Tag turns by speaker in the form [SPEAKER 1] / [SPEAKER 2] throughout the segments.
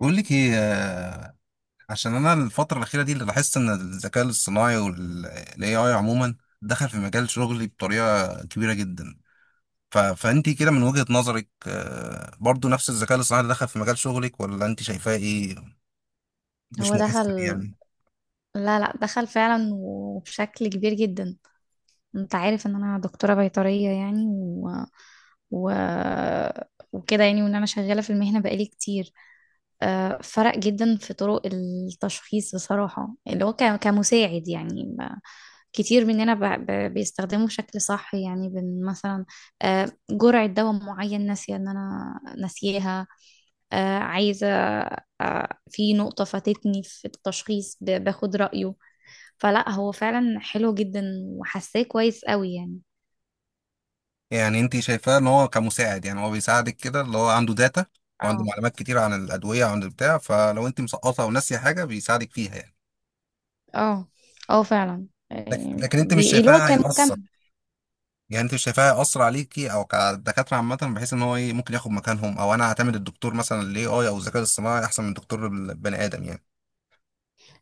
[SPEAKER 1] بقول لك ايه عشان انا الفتره الاخيره دي اللي لاحظت ان الذكاء الاصطناعي والاي اي عموما دخل في مجال شغلي بطريقه كبيره جدا. فانت كده من وجهه نظرك، برضو نفس الذكاء الاصطناعي اللي دخل في مجال شغلك، ولا انت شايفاه ايه؟ مش
[SPEAKER 2] هو دخل.
[SPEAKER 1] مؤثر يعني؟
[SPEAKER 2] لا، لا، دخل فعلا وبشكل كبير جدا. انت عارف ان انا دكتورة بيطرية يعني و... وكده يعني وان انا شغالة في المهنة بقالي كتير. فرق جدا في طرق التشخيص بصراحة، اللي هو كمساعد يعني، ما كتير مننا بيستخدمه بشكل صح يعني. مثلا جرعة دواء معين ناسية ان انا ناسياها، عايزة، في نقطة فاتتني في التشخيص باخد رأيه. فلا، هو فعلا حلو جدا وحاساه كويس قوي يعني.
[SPEAKER 1] يعني انت شايفاه ان هو كمساعد، يعني هو بيساعدك كده اللي هو عنده داتا وعنده
[SPEAKER 2] اه،
[SPEAKER 1] معلومات كتير عن الادويه وعن البتاع، فلو انت مسقطه او ناسيه حاجه بيساعدك فيها يعني.
[SPEAKER 2] اه، اه، فعلا.
[SPEAKER 1] لكن لكن انت مش
[SPEAKER 2] اللي هو
[SPEAKER 1] شايفاه
[SPEAKER 2] كان
[SPEAKER 1] هيأثر؟
[SPEAKER 2] مكمل.
[SPEAKER 1] يعني انت شايفاها اسرع عليكي او كدكاتره عامه بحيث ان هو ايه، ممكن ياخد مكانهم، او انا اعتمد الدكتور مثلا الاي اي او الذكاء الاصطناعي احسن من دكتور البني ادم يعني؟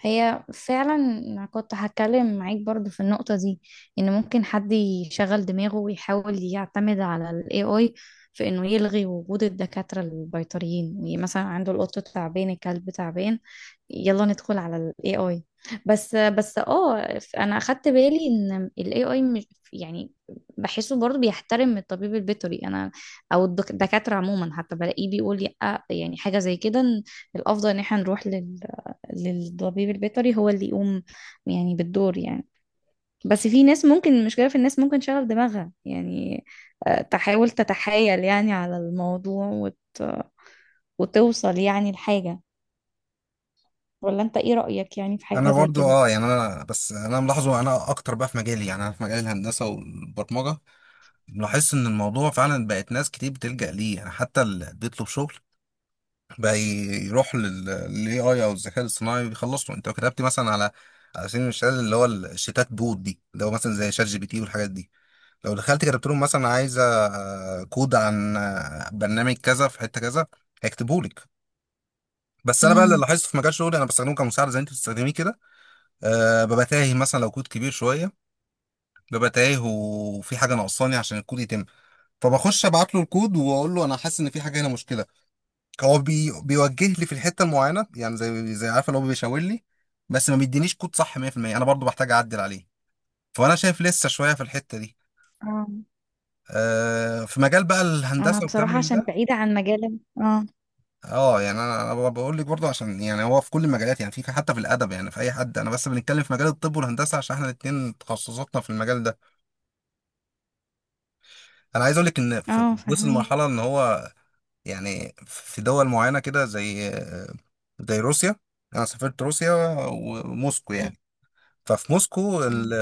[SPEAKER 2] هي فعلا أنا كنت هتكلم معاك برضو في النقطة دي، ان ممكن حد يشغل دماغه ويحاول يعتمد على ال AI في انه يلغي وجود الدكاترة البيطريين. يعني مثلا عنده القط تعبان، الكلب تعبان، يلا ندخل على ال AI. بس، بس، اه، انا اخدت بالي ان ال AI مش، يعني، بحسه برضو بيحترم الطبيب البيطري انا، او الدكاترة عموما. حتى بلاقيه بيقول لي، يعني حاجة زي كده، إن الافضل ان احنا نروح للطبيب البيطري، هو اللي يقوم يعني بالدور يعني. بس في ناس ممكن، المشكلة في الناس، ممكن تشغل دماغها يعني، تحاول تتحايل يعني على الموضوع وتوصل يعني لحاجة. ولا انت ايه رأيك يعني في حاجة
[SPEAKER 1] انا
[SPEAKER 2] زي
[SPEAKER 1] برضو
[SPEAKER 2] كده؟
[SPEAKER 1] اه يعني، انا بس ملاحظه انا اكتر بقى في مجالي يعني، انا في مجال الهندسه والبرمجه ملاحظ ان الموضوع فعلا بقت ناس كتير بتلجأ ليه يعني. حتى اللي بيطلب شغل بقى يروح للاي اي او الذكاء الاصطناعي بيخلص له. انت لو كتبت مثلا على على سبيل المثال اللي هو الشتات بوت دي، اللي هو مثلا زي شات جي بي تي والحاجات دي، لو دخلت كتبت لهم مثلا عايزه كود عن برنامج كذا في حته كذا، هيكتبوا لك. بس انا بقى اللي
[SPEAKER 2] امم.
[SPEAKER 1] لاحظته في مجال شغلي انا بستخدمه كمساعد زي انت بتستخدميه كده. أه ببقى تايه مثلا لو كود كبير شويه، ببقى تايه وفي حاجه ناقصاني عشان الكود يتم، فبخش ابعت له الكود واقول له انا حاسس ان في حاجه هنا مشكله. هو بي بيوجه لي في الحته المعينه، يعني زي عارف اللي هو بيشاور لي. بس ما بيدينيش كود صح 100%، انا برضو بحتاج اعدل عليه. فانا شايف لسه شويه في الحته دي.
[SPEAKER 2] اه،
[SPEAKER 1] أه في مجال بقى
[SPEAKER 2] انا
[SPEAKER 1] الهندسه والكلام
[SPEAKER 2] بصراحة
[SPEAKER 1] من
[SPEAKER 2] عشان
[SPEAKER 1] ده.
[SPEAKER 2] بعيدة عن مجال، اه.
[SPEAKER 1] اه يعني انا بقول لك برضه عشان يعني هو في كل المجالات، يعني في حتى في الادب يعني في اي حد. انا بس بنتكلم في مجال الطب والهندسه عشان احنا الاثنين تخصصاتنا في المجال ده. انا عايز اقول لك ان في
[SPEAKER 2] اه،
[SPEAKER 1] وصل
[SPEAKER 2] فاهميك.
[SPEAKER 1] مرحله ان هو، يعني في دول معينه كده زي روسيا. انا سافرت روسيا وموسكو يعني. ففي موسكو
[SPEAKER 2] أمم.
[SPEAKER 1] ال-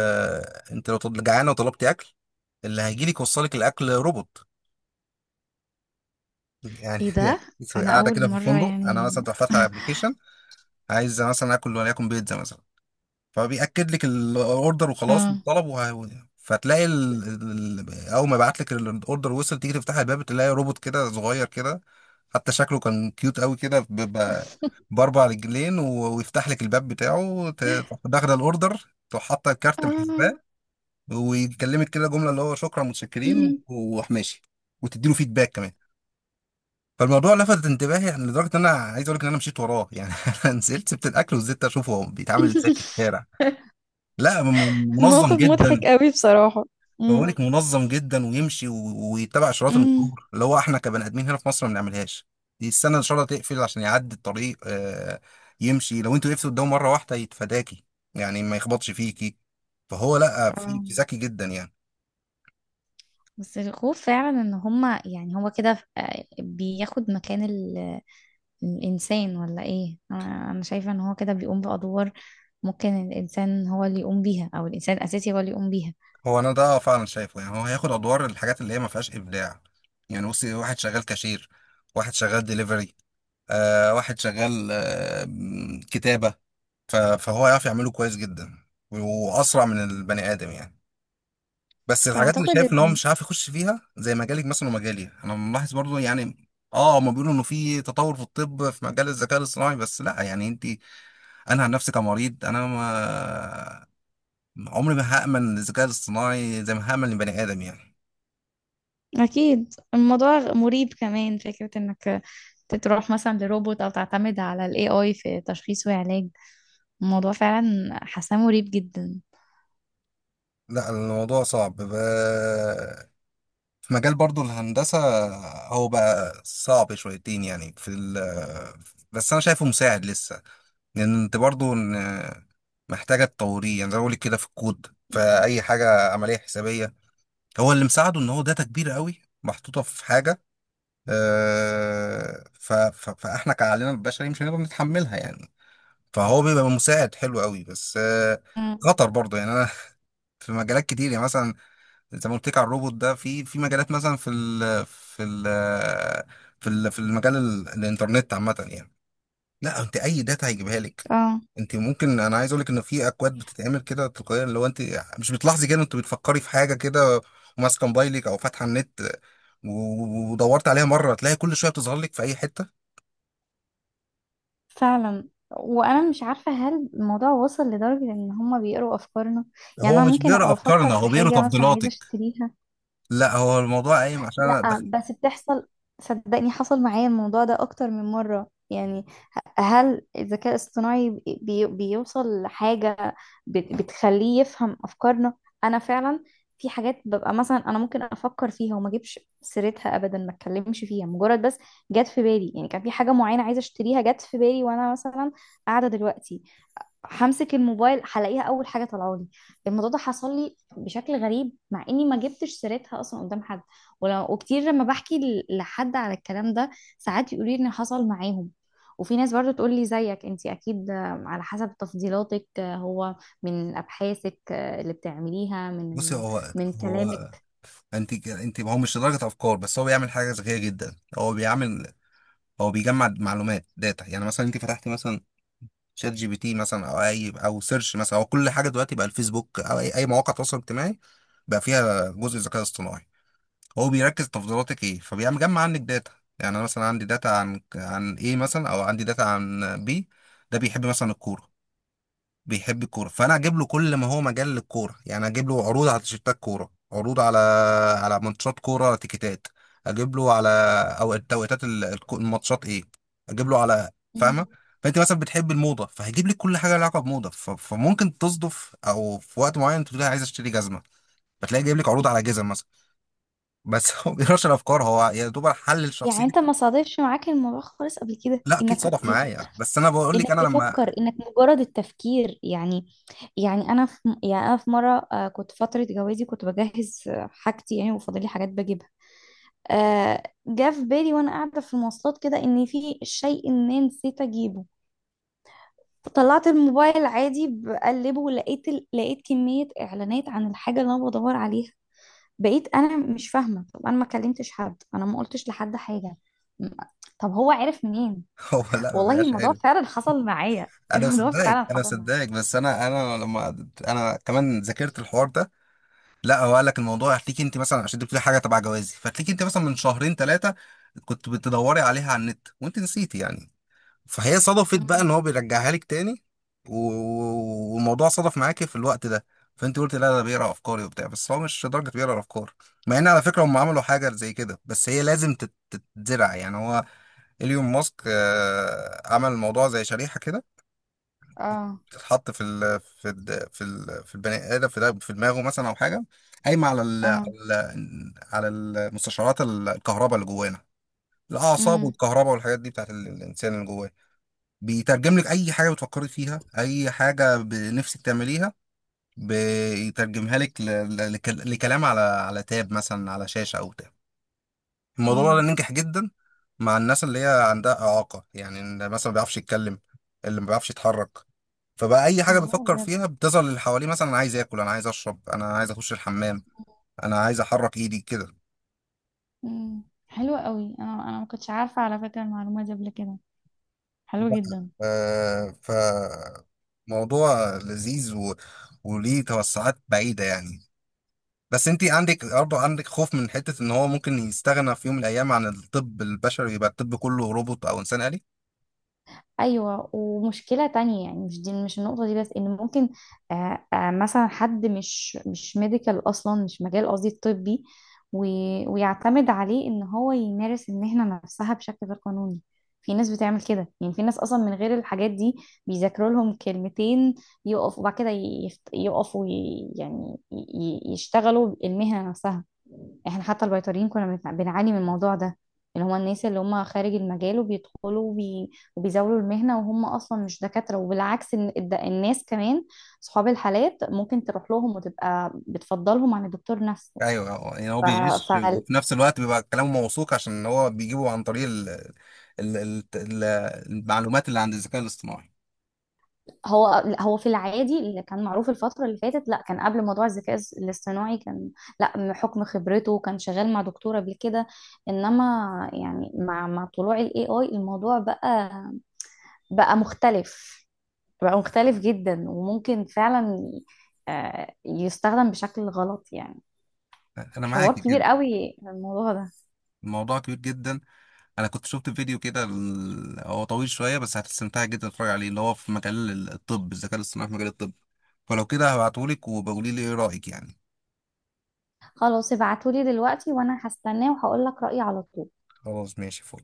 [SPEAKER 1] انت لو جعانه وطلبتي اكل، اللي هيجي لك يوصل لك الاكل روبوت يعني
[SPEAKER 2] ايه
[SPEAKER 1] يعني.
[SPEAKER 2] ده؟ انا
[SPEAKER 1] قاعده
[SPEAKER 2] اول
[SPEAKER 1] كده في
[SPEAKER 2] مرة
[SPEAKER 1] الفندق، انا مثلا
[SPEAKER 2] يعني.
[SPEAKER 1] تروح فاتحه ابلكيشن عايز مثلا اكل وليكن بيتزا مثلا، فبيأكد لك الاوردر وخلاص
[SPEAKER 2] اه.
[SPEAKER 1] الطلب وه... فتلاقي ال... اول ما يبعت لك الاوردر وصل، تيجي تفتح الباب تلاقي روبوت كده صغير كده، حتى شكله كان كيوت قوي كده، باربع رجلين ويفتح لك الباب بتاعه. تروح داخله الاوردر، تروح حاطه الكارت
[SPEAKER 2] آه.
[SPEAKER 1] محاسباه، ويكلمك كده جمله اللي هو شكرا متشكرين
[SPEAKER 2] أمم.
[SPEAKER 1] وراح ماشي. وتديله فيدباك كمان. فالموضوع لفت انتباهي يعني لدرجه ان انا عايز اقول لك ان انا مشيت وراه يعني انا نزلت سبت الاكل وزدت اشوفه هو بيتعامل ازاي في الشارع. لا
[SPEAKER 2] موقف
[SPEAKER 1] منظم
[SPEAKER 2] مضحك
[SPEAKER 1] جدا.
[SPEAKER 2] قوي بصراحة. مم.
[SPEAKER 1] بقولك منظم جدا ويمشي ويتبع اشارات
[SPEAKER 2] أمم.
[SPEAKER 1] المرور، اللي هو احنا كبني ادمين هنا في مصر ما بنعملهاش. دي السنه ان شاء الله تقفل عشان يعدي الطريق يمشي. لو انتوا وقفتوا قدامه مره واحده يتفاداكي، يعني ما يخبطش فيكي. فهو لا في
[SPEAKER 2] آه.
[SPEAKER 1] ذكي جدا يعني.
[SPEAKER 2] بس الخوف فعلا ان هما، يعني هو كده، بياخد مكان الانسان ولا ايه؟ أنا شايفة ان هو كده بيقوم بادوار ممكن الانسان هو اللي يقوم بيها، او الانسان الاساسي هو اللي يقوم بيها.
[SPEAKER 1] هو انا ده فعلا شايفه، يعني هو هياخد ادوار الحاجات اللي هي ما فيهاش ابداع. يعني بصي واحد شغال كاشير، واحد شغال ديليفري، آه واحد شغال آه كتابه. فهو يعرف يعمله كويس جدا واسرع من البني ادم يعني. بس
[SPEAKER 2] بس
[SPEAKER 1] الحاجات اللي
[SPEAKER 2] اعتقد
[SPEAKER 1] شايف ان هو
[SPEAKER 2] إن-
[SPEAKER 1] مش عارف يخش فيها زي مجالك مثلا ومجالي انا ملاحظ برضو يعني. اه هما بيقولوا انه في تطور في الطب في مجال الذكاء الاصطناعي، بس لا يعني انت، انا عن نفسي كمريض انا ما عمري ما هامن الذكاء الاصطناعي زي ما هامن البني ادم يعني.
[SPEAKER 2] اكيد الموضوع مريب، كمان فكرة انك تروح مثلا لروبوت او تعتمد على الاي اي في تشخيص وعلاج. الموضوع فعلا حاساه مريب جدا.
[SPEAKER 1] لا الموضوع صعب ب... في مجال برضو الهندسة هو بقى صعب شويتين يعني بس أنا شايفه مساعد لسه. لان انت برضو محتاجه تطوريه يعني، زي ما بقولك كده في الكود في
[SPEAKER 2] مم.
[SPEAKER 1] اي حاجه عمليه حسابيه. هو اللي مساعده ان هو داتا كبيره قوي محطوطه في حاجه، فاحنا كعقلنا البشري مش هنقدر نتحملها يعني. فهو بيبقى مساعد حلو قوي، بس
[SPEAKER 2] مم.
[SPEAKER 1] خطر برضه يعني. انا في مجالات كتير، يعني مثلا زي ما قلت لك على الروبوت ده. في في مجالات مثلا في ال في ال في ال في المجال الانترنت عامه يعني. لا انت اي داتا هيجيبها لك.
[SPEAKER 2] اه،
[SPEAKER 1] انت ممكن، انا عايز اقول لك ان في اكواد بتتعمل كده تلقائيا. لو انت مش بتلاحظي كده، انت بتفكري في حاجه كده وماسكه موبايلك او فاتحه النت ودورت عليها مره، تلاقي كل شويه بتظهر لك في اي حته.
[SPEAKER 2] فعلا. وانا مش عارفه، هل الموضوع وصل لدرجه ان هما بيقروا افكارنا؟ يعني
[SPEAKER 1] هو
[SPEAKER 2] انا
[SPEAKER 1] مش
[SPEAKER 2] ممكن
[SPEAKER 1] بيقرا
[SPEAKER 2] ابقى افكر
[SPEAKER 1] افكارنا،
[SPEAKER 2] في
[SPEAKER 1] هو بيقرا
[SPEAKER 2] حاجه مثلا عايزه
[SPEAKER 1] تفضيلاتك.
[SPEAKER 2] اشتريها.
[SPEAKER 1] لا هو الموضوع قايم عشان انا
[SPEAKER 2] لا،
[SPEAKER 1] دخل.
[SPEAKER 2] بس بتحصل، صدقني حصل معايا الموضوع ده اكتر من مرة يعني. هل الذكاء الاصطناعي بيوصل لحاجة بتخليه يفهم افكارنا؟ انا فعلا، في حاجات ببقى مثلا انا ممكن افكر فيها وما اجيبش سيرتها ابدا، ما اتكلمش فيها، مجرد بس جت في بالي. يعني كان في حاجة معينة عايزة اشتريها، جت في بالي وانا مثلا قاعدة دلوقتي، همسك الموبايل هلاقيها اول حاجه طالعه لي. الموضوع ده حصل لي بشكل غريب مع اني ما جبتش سيرتها اصلا قدام حد. وكتير لما بحكي لحد على الكلام ده، ساعات يقولي ان حصل معاهم. وفي ناس برضو تقول لي، زيك انت اكيد، على حسب تفضيلاتك، هو من ابحاثك، اللي بتعمليها،
[SPEAKER 1] بصي
[SPEAKER 2] من
[SPEAKER 1] هو
[SPEAKER 2] من
[SPEAKER 1] هو
[SPEAKER 2] كلامك.
[SPEAKER 1] انت ك- انت هو مش لدرجه افكار، بس هو بيعمل حاجه ذكيه جدا. هو بيعمل، هو بيجمع معلومات داتا. يعني مثلا انت فتحتي مثلا شات جي بي تي مثلا، او اي او سيرش مثلا، او كل حاجه دلوقتي بقى الفيسبوك او اي اي مواقع تواصل اجتماعي بقى فيها جزء ذكاء اصطناعي. هو بيركز تفضيلاتك ايه، فبيعمل جمع عنك داتا. يعني انا مثلا عندي داتا عن ايه مثلا، او عندي داتا عن بي، ده بيحب مثلا الكوره. بيحب الكوره، فانا اجيب له كل ما هو مجال للكوره، يعني اجيب له عروض على تيشيرتات كوره، عروض على على ماتشات كوره تيكيتات، اجيب له على، او توقيتات الماتشات ايه، اجيب له على، فاهمه.
[SPEAKER 2] مم.
[SPEAKER 1] فانت مثلا بتحب الموضه فهيجيب لك كل حاجه لها علاقه بموضه. فممكن تصدف او في وقت معين تقول لي عايز اشتري جزمه، فتلاقي جايب لك عروض على جزم مثلا بس هو ما بيقراش الافكار، هو يا دوب حلل
[SPEAKER 2] يعني
[SPEAKER 1] شخصيتي.
[SPEAKER 2] انت ما صادفش معاك الموضوع خالص قبل كده؟
[SPEAKER 1] لا اكيد صدف معايا، بس انا بقول لك
[SPEAKER 2] انك
[SPEAKER 1] انا لما
[SPEAKER 2] تفكر، انك مجرد التفكير يعني. يعني انا في مره، كنت فتره جوازي كنت بجهز حاجتي يعني وفاضلي حاجات بجيبها. جه في بالي وانا قاعده في المواصلات كده ان في شيء ما نسيت اجيبه. طلعت الموبايل عادي بقلبه ولقيت لقيت كميه اعلانات عن الحاجه اللي انا بدور عليها. بقيت انا مش فاهمه، طب انا ما كلمتش حد، انا ما قلتش لحد حاجه، م- طب هو عرف منين؟
[SPEAKER 1] هو لا ما
[SPEAKER 2] والله
[SPEAKER 1] بيبقاش
[SPEAKER 2] الموضوع
[SPEAKER 1] عارف.
[SPEAKER 2] فعلا حصل معايا.
[SPEAKER 1] انا
[SPEAKER 2] الموضوع
[SPEAKER 1] مصدقك
[SPEAKER 2] فعلا
[SPEAKER 1] انا
[SPEAKER 2] حصل معايا.
[SPEAKER 1] مصدقك، بس انا لما انا كمان ذاكرت الحوار ده. لا هو قال لك الموضوع هتليك انت مثلا عشان انت بتقولي حاجه تبع جوازي، فتليك انت مثلا من شهرين ثلاثه كنت بتدوري عليها على النت وانت نسيتي يعني. فهي صدفت بقى
[SPEAKER 2] مم.
[SPEAKER 1] ان هو بيرجعها لك تاني، والموضوع صدف معاكي في الوقت ده. فانت قلت لا ده بيقرا افكاري وبتاع، بس هو مش لدرجه بيقرا الافكار. مع ان على فكره هم عملوا حاجه زي كده، بس هي لازم تتزرع يعني. هو ايلون ماسك عمل الموضوع زي شريحه كده
[SPEAKER 2] اه.
[SPEAKER 1] تتحط في البني ادم في في دماغه مثلا او حاجه قايمه
[SPEAKER 2] اه.
[SPEAKER 1] على المستشعرات الكهرباء اللي جوانا، الاعصاب والكهرباء والحاجات دي بتاعت الانسان اللي جواه. بيترجم لك اي حاجه بتفكري فيها، اي حاجه بنفسك تعمليها، بيترجمها لك لكلام على على تاب مثلا، على شاشه او بتاع. الموضوع ده
[SPEAKER 2] امم.
[SPEAKER 1] ننجح جدا مع الناس اللي هي عندها إعاقة، يعني اللي مثلا ما بيعرفش يتكلم، اللي ما بيعرفش يتحرك. فبقى أي حاجة
[SPEAKER 2] الله،
[SPEAKER 1] بيفكر
[SPEAKER 2] بجد.
[SPEAKER 1] فيها بتظهر اللي حواليه، مثلا أنا عايز آكل، أنا عايز أشرب، أنا عايز أخش الحمام،
[SPEAKER 2] مم.
[SPEAKER 1] أنا عايز أحرك إيدي كده.
[SPEAKER 2] امم، حلوة قوي. انا ما كنتش عارفة على فكرة المعلومة دي قبل كده، حلوة جدا.
[SPEAKER 1] آه، ف موضوع لذيذ وليه توسعات بعيدة يعني. بس انت عندك برضه عندك خوف من حتة ان هو ممكن يستغنى في يوم من الايام عن الطب البشري، يبقى الطب كله روبوت او انسان آلي.
[SPEAKER 2] ايوه، ومشكله تانية يعني، مش النقطه دي بس، ان ممكن مثلا حد، مش ميديكال اصلا، مش مجال قصدي الطبي، ويعتمد عليه ان هو يمارس المهنه نفسها بشكل غير قانوني. في ناس بتعمل كده يعني، في ناس اصلا من غير الحاجات دي بيذاكروا لهم كلمتين، يقف، وبعد كده يقفوا يشتغلوا المهنه نفسها. احنا حتى البيطريين كنا بنعاني من الموضوع ده، اللي هما الناس اللي هما خارج المجال وبيدخلوا وبيزاولوا المهنة وهم أصلا مش دكاترة. وبالعكس، الناس كمان، صحاب الحالات ممكن تروح لهم وتبقى بتفضلهم عن الدكتور نفسه.
[SPEAKER 1] ايوه يعني هو بيغش
[SPEAKER 2] فهو،
[SPEAKER 1] وفي نفس الوقت بيبقى كلامه موثوق عشان هو بيجيبه عن طريق ال ال ال ال المعلومات اللي عند الذكاء الاصطناعي.
[SPEAKER 2] هو في العادي اللي كان معروف الفترة اللي فاتت، لا، كان قبل موضوع الذكاء الاصطناعي كان، لا، من حكم خبرته كان شغال مع دكتور قبل كده. انما، يعني، مع طلوع الاي اي، الموضوع بقى مختلف، بقى مختلف جدا. وممكن فعلا يستخدم بشكل غلط يعني.
[SPEAKER 1] انا معاك
[SPEAKER 2] حوار كبير
[SPEAKER 1] جدا.
[SPEAKER 2] قوي الموضوع ده.
[SPEAKER 1] الموضوع كبير جدا. انا كنت شفت فيديو كده هو طويل شويه بس هتستمتع جدا تتفرج عليه، اللي هو في مجال الطب، الذكاء الاصطناعي في مجال الطب. فلو كده هبعتهولك وبقولي لي ايه رايك يعني.
[SPEAKER 2] خلاص، ابعتولي دلوقتي وانا هستناه وهقول لك رأيي على طول.
[SPEAKER 1] خلاص ماشي فل